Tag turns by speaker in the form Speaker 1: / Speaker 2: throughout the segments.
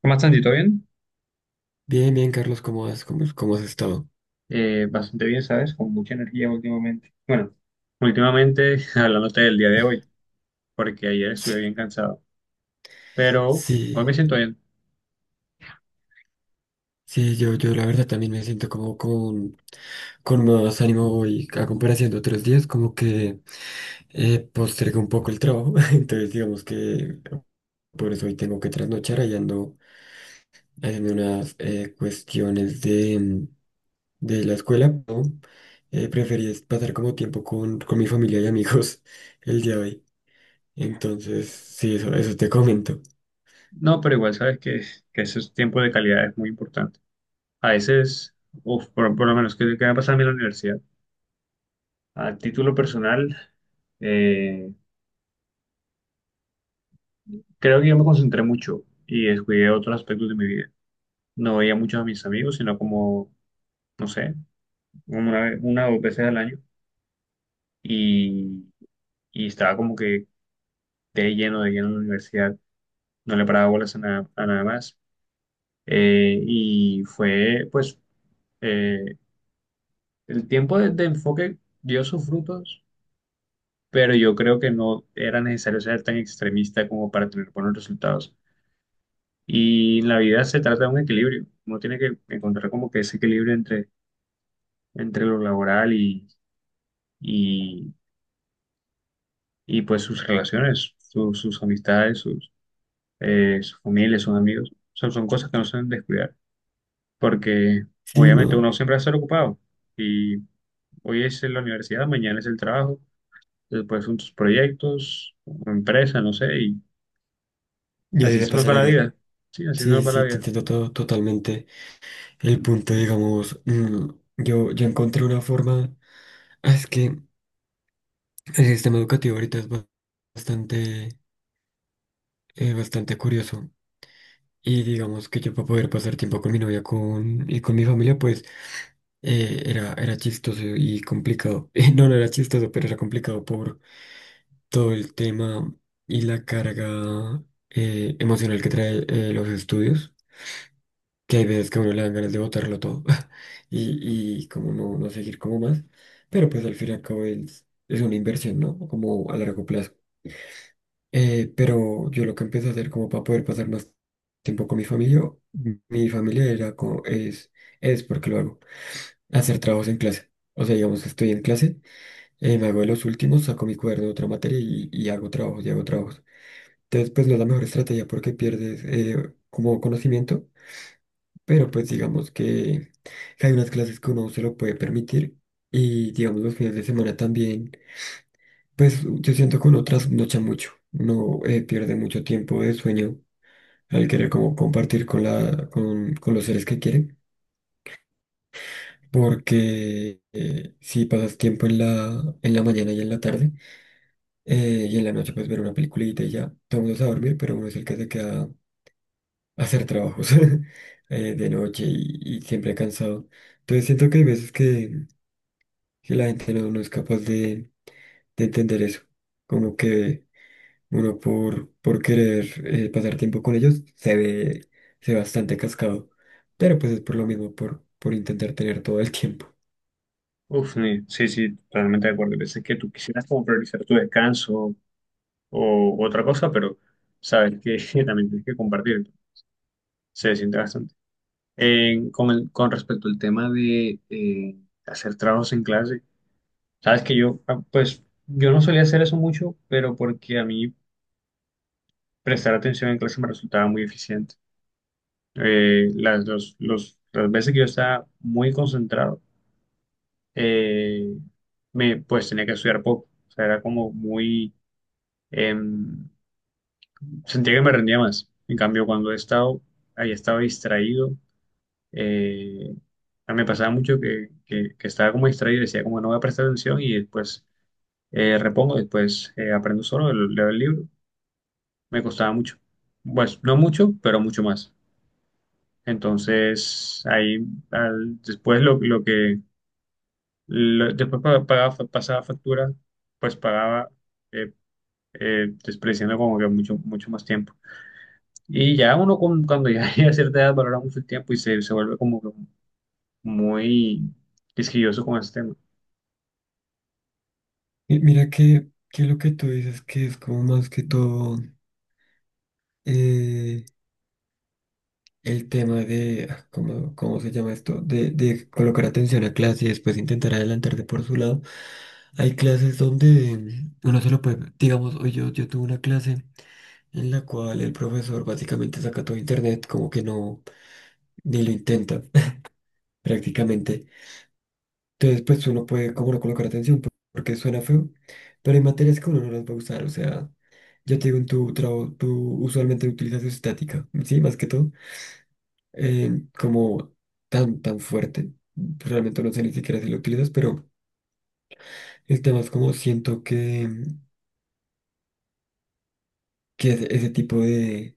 Speaker 1: ¿Cómo estás, Andy? ¿Todo bien?
Speaker 2: Bien, bien, Carlos, ¿cómo has, cómo has estado?
Speaker 1: Bastante bien, ¿sabes? Con mucha energía últimamente. Bueno, últimamente, hablándote del día de hoy, porque ayer estuve bien cansado, pero hoy me
Speaker 2: Sí,
Speaker 1: siento bien.
Speaker 2: sí, yo la verdad también me siento como con más ánimo hoy a comparación de otros días, como que postergué un poco el trabajo. Entonces digamos que por eso hoy tengo que trasnochar, ahí ando haciendo unas cuestiones de la escuela, ¿no? Preferí es pasar como tiempo con mi familia y amigos el día de hoy, entonces sí, eso te comento.
Speaker 1: No, pero igual sabes que ese tiempo de calidad es muy importante. A veces, uf, por lo menos, que me ha pasado a mí en la universidad. A título personal, eh, creo que yo me concentré mucho y descuidé otros aspectos de mi vida. No veía mucho a mis amigos, sino como, no sé, como una o dos veces al año. Y y estaba como que de lleno en la universidad, no le paraba bolas a nada más. Y fue, pues, eh, el tiempo de enfoque dio sus frutos, pero yo creo que no era necesario ser tan extremista como para tener buenos resultados. Y en la vida se trata de un equilibrio, uno tiene que encontrar como que ese equilibrio entre, entre lo laboral y, y pues sus relaciones, sus amistades, sus, su familia, sus amigos. Son, son cosas que no se deben descuidar, porque
Speaker 2: Sí,
Speaker 1: obviamente
Speaker 2: no.
Speaker 1: uno siempre va a estar ocupado y hoy es en la universidad, mañana es el trabajo, después son tus proyectos, una empresa, no sé, y
Speaker 2: Y así
Speaker 1: así
Speaker 2: se
Speaker 1: se nos
Speaker 2: pasa
Speaker 1: va
Speaker 2: la
Speaker 1: la
Speaker 2: vida.
Speaker 1: vida. Sí, así se
Speaker 2: Sí,
Speaker 1: nos va la
Speaker 2: sí, te
Speaker 1: vida.
Speaker 2: entiendo todo, totalmente. El punto, digamos, yo encontré una forma. Ah, es que el sistema educativo ahorita es bastante, bastante curioso. Y digamos que yo para poder pasar tiempo con mi novia con mi familia, pues era chistoso y complicado. No, no era chistoso, pero era complicado por todo el tema y la carga emocional que trae los estudios, que hay veces que a uno le dan ganas de botarlo todo y como no, no seguir como más, pero pues al fin y al cabo es una inversión, ¿no? Como a largo plazo. Pero yo lo que empecé a hacer como para poder pasar más tiempo con mi familia era como, es porque lo hago, hacer trabajos en clase. O sea, digamos que estoy en clase, me hago de los últimos, saco mi cuaderno de otra materia y hago trabajos, y hago trabajos. Entonces, pues no es la mejor estrategia porque pierdes como conocimiento, pero pues digamos que hay unas clases que uno se lo puede permitir, y digamos los fines de semana también, pues yo siento que uno trasnocha mucho, uno pierde mucho tiempo de sueño al querer como compartir con los seres que quieren, porque si pasas tiempo en en la mañana y en la tarde y en la noche, pues ver una peliculita y ya, todo el mundo se va a dormir, pero uno es el que se queda hacer trabajos de noche y siempre cansado. Entonces siento que hay veces que la gente no, no es capaz de entender eso. Como que uno por querer pasar tiempo con ellos se ve bastante cascado. Pero pues es por lo mismo, por intentar tener todo el tiempo.
Speaker 1: Uf, sí, sí, totalmente de acuerdo. Hay veces que tú quisieras como priorizar tu descanso o otra cosa, pero sabes que también tienes que compartir. Se siente bastante. Con respecto al tema de hacer trabajos en clase, sabes que yo, ah, pues, yo no solía hacer eso mucho, pero porque a mí prestar atención en clase me resultaba muy eficiente. Las, las veces que yo estaba muy concentrado, eh, me, pues tenía que estudiar poco. O sea, era como muy… em, sentía que me rendía más. En cambio, cuando he estado, ahí estaba distraído, eh, me pasaba mucho que estaba como distraído, decía como no voy a prestar atención y después repongo, después aprendo solo, leo el libro. Me costaba mucho. Pues no mucho, pero mucho más. Entonces, ahí, después lo que después pagaba, pasaba factura, pues pagaba, eh, despreciando como que mucho, mucho más tiempo. Y ya uno cuando ya llega a cierta edad valora mucho el tiempo y se vuelve como que muy quisquilloso con ese tema.
Speaker 2: Y mira que lo que tú dices que es como más que todo eh, el tema de, ah, ¿cómo, cómo se llama esto? De colocar atención a clase y después intentar adelantarte por su lado. Hay clases donde uno se lo puede, digamos, hoy yo tuve una clase en la cual el profesor básicamente saca todo internet, como que no, ni lo intenta prácticamente. Entonces, pues uno puede como no colocar atención porque suena feo, pero hay materias que uno no las va a usar. O sea, yo te digo, en tu trabajo, tú usualmente utilizas estática, ¿sí? Más que todo. Como tan, tan fuerte. Realmente no sé ni siquiera si lo utilizas, pero el tema es como siento que ese tipo de,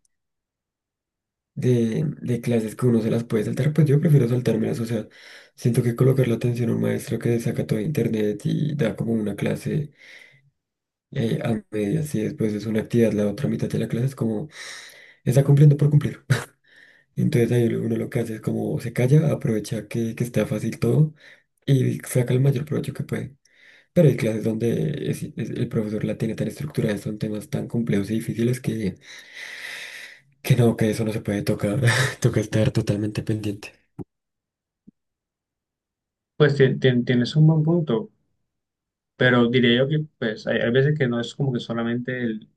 Speaker 2: de clases que uno se las puede saltar, pues yo prefiero saltármelas. O sea, siento que colocar la atención a un maestro que saca todo de internet y da como una clase a medias y después es una actividad, la otra mitad de la clase es como está cumpliendo por cumplir. Entonces ahí uno lo que hace es como se calla, aprovecha que está fácil todo y saca el mayor provecho que puede. Pero hay clases donde el profesor la tiene tan estructurada, son temas tan complejos y difíciles que no, que eso no se puede tocar, toca estar totalmente pendiente.
Speaker 1: Pues tienes un buen punto, pero diría yo que pues hay veces que no es como que solamente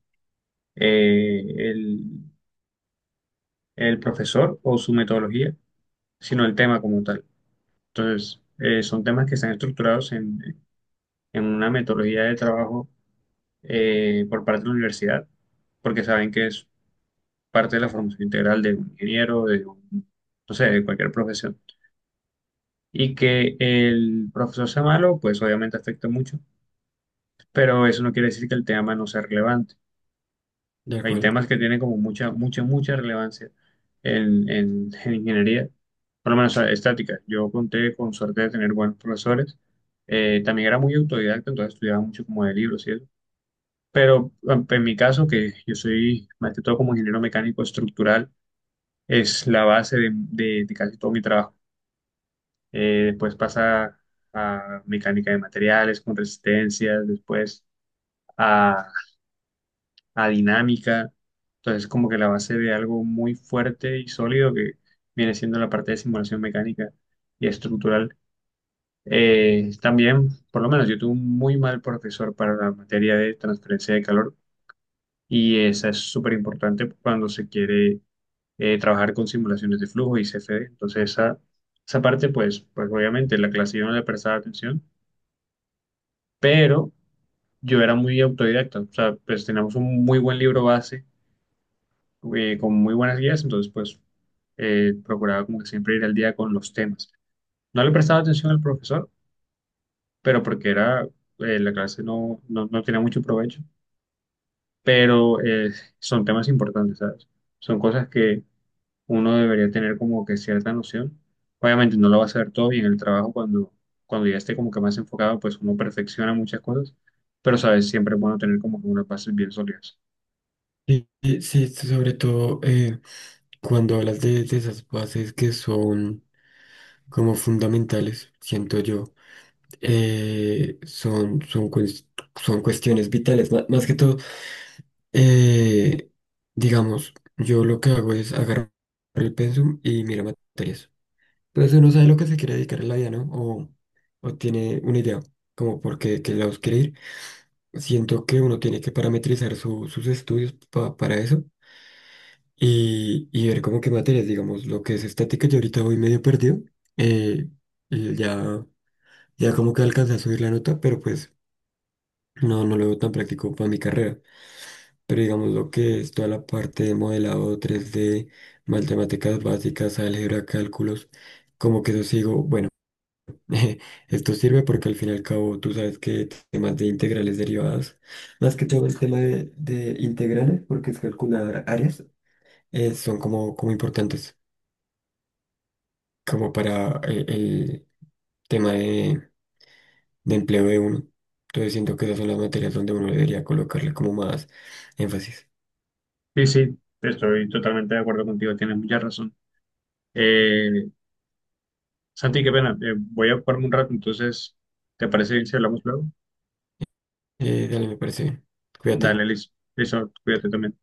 Speaker 1: eh, el, el profesor o su metodología, sino el tema como tal. Entonces, son temas que están estructurados en una metodología de trabajo por parte de la universidad, porque saben que es parte de la formación integral de un ingeniero, de un, no sé, de cualquier profesión. Y que el profesor sea malo, pues obviamente afecta mucho, pero eso no quiere decir que el tema no sea relevante.
Speaker 2: De
Speaker 1: Hay
Speaker 2: acuerdo.
Speaker 1: temas que tienen como mucha, mucha, mucha relevancia en ingeniería, por lo menos, o sea, estática. Yo conté con suerte de tener buenos profesores. También era muy autodidacta, entonces estudiaba mucho como de libros, ¿cierto? Pero en mi caso, que yo soy más que todo como ingeniero mecánico estructural, es la base de, de casi todo mi trabajo. Después pasa a mecánica de materiales con resistencias, después a dinámica. Entonces, como que la base de algo muy fuerte y sólido que viene siendo la parte de simulación mecánica y estructural. También, por lo menos, yo tuve un muy mal profesor para la materia de transferencia de calor y esa es súper importante cuando se quiere trabajar con simulaciones de flujo y CFD. Entonces, esa parte, pues, pues obviamente la clase yo no le prestaba atención, pero yo era muy autodidacta. O sea, pues teníamos un muy buen libro base con muy buenas guías, entonces pues procuraba como que siempre ir al día con los temas. No le prestaba atención al profesor, pero porque era, la clase no, no, no tenía mucho provecho, pero son temas importantes, ¿sabes? Son cosas que uno debería tener como que cierta noción. Obviamente no lo va a saber todo y en el trabajo cuando, cuando ya esté como que más enfocado, pues uno perfecciona muchas cosas, pero sabes, siempre es bueno tener como que unas bases bien sólidas.
Speaker 2: Y sí, sobre todo cuando hablas de esas bases que son como fundamentales, siento yo, son, son, son cuestiones vitales. Más que todo, eh, digamos, yo lo que hago es agarrar el pensum y miro materias. Entonces uno sabe lo que se quiere dedicar en la vida, ¿no? O tiene una idea, como por qué, qué lados quiere ir. Siento que uno tiene que parametrizar sus estudios para eso y ver como qué materias, digamos, lo que es estática, yo ahorita voy medio perdido. eh, y ya, ya como que alcancé a subir la nota, pero pues no, no lo veo tan práctico para mi carrera. Pero digamos lo que es toda la parte de modelado 3D, matemáticas básicas, álgebra, cálculos, como que eso sigo, bueno. Esto sirve porque al fin y al cabo tú sabes que temas de integrales derivadas, más que todo el tema de integrales, porque es calcular áreas, son como, como importantes, como para el tema de empleo de uno. Entonces siento que esas son las materias donde uno debería colocarle como más énfasis.
Speaker 1: Sí, sí, estoy totalmente de acuerdo contigo, tienes mucha razón. Eh, Santi, qué pena. Voy a ocuparme un rato, entonces, ¿te parece bien si hablamos luego?
Speaker 2: Dale, me parece bien.
Speaker 1: Dale,
Speaker 2: Cuídate.
Speaker 1: listo. Listo, cuídate también.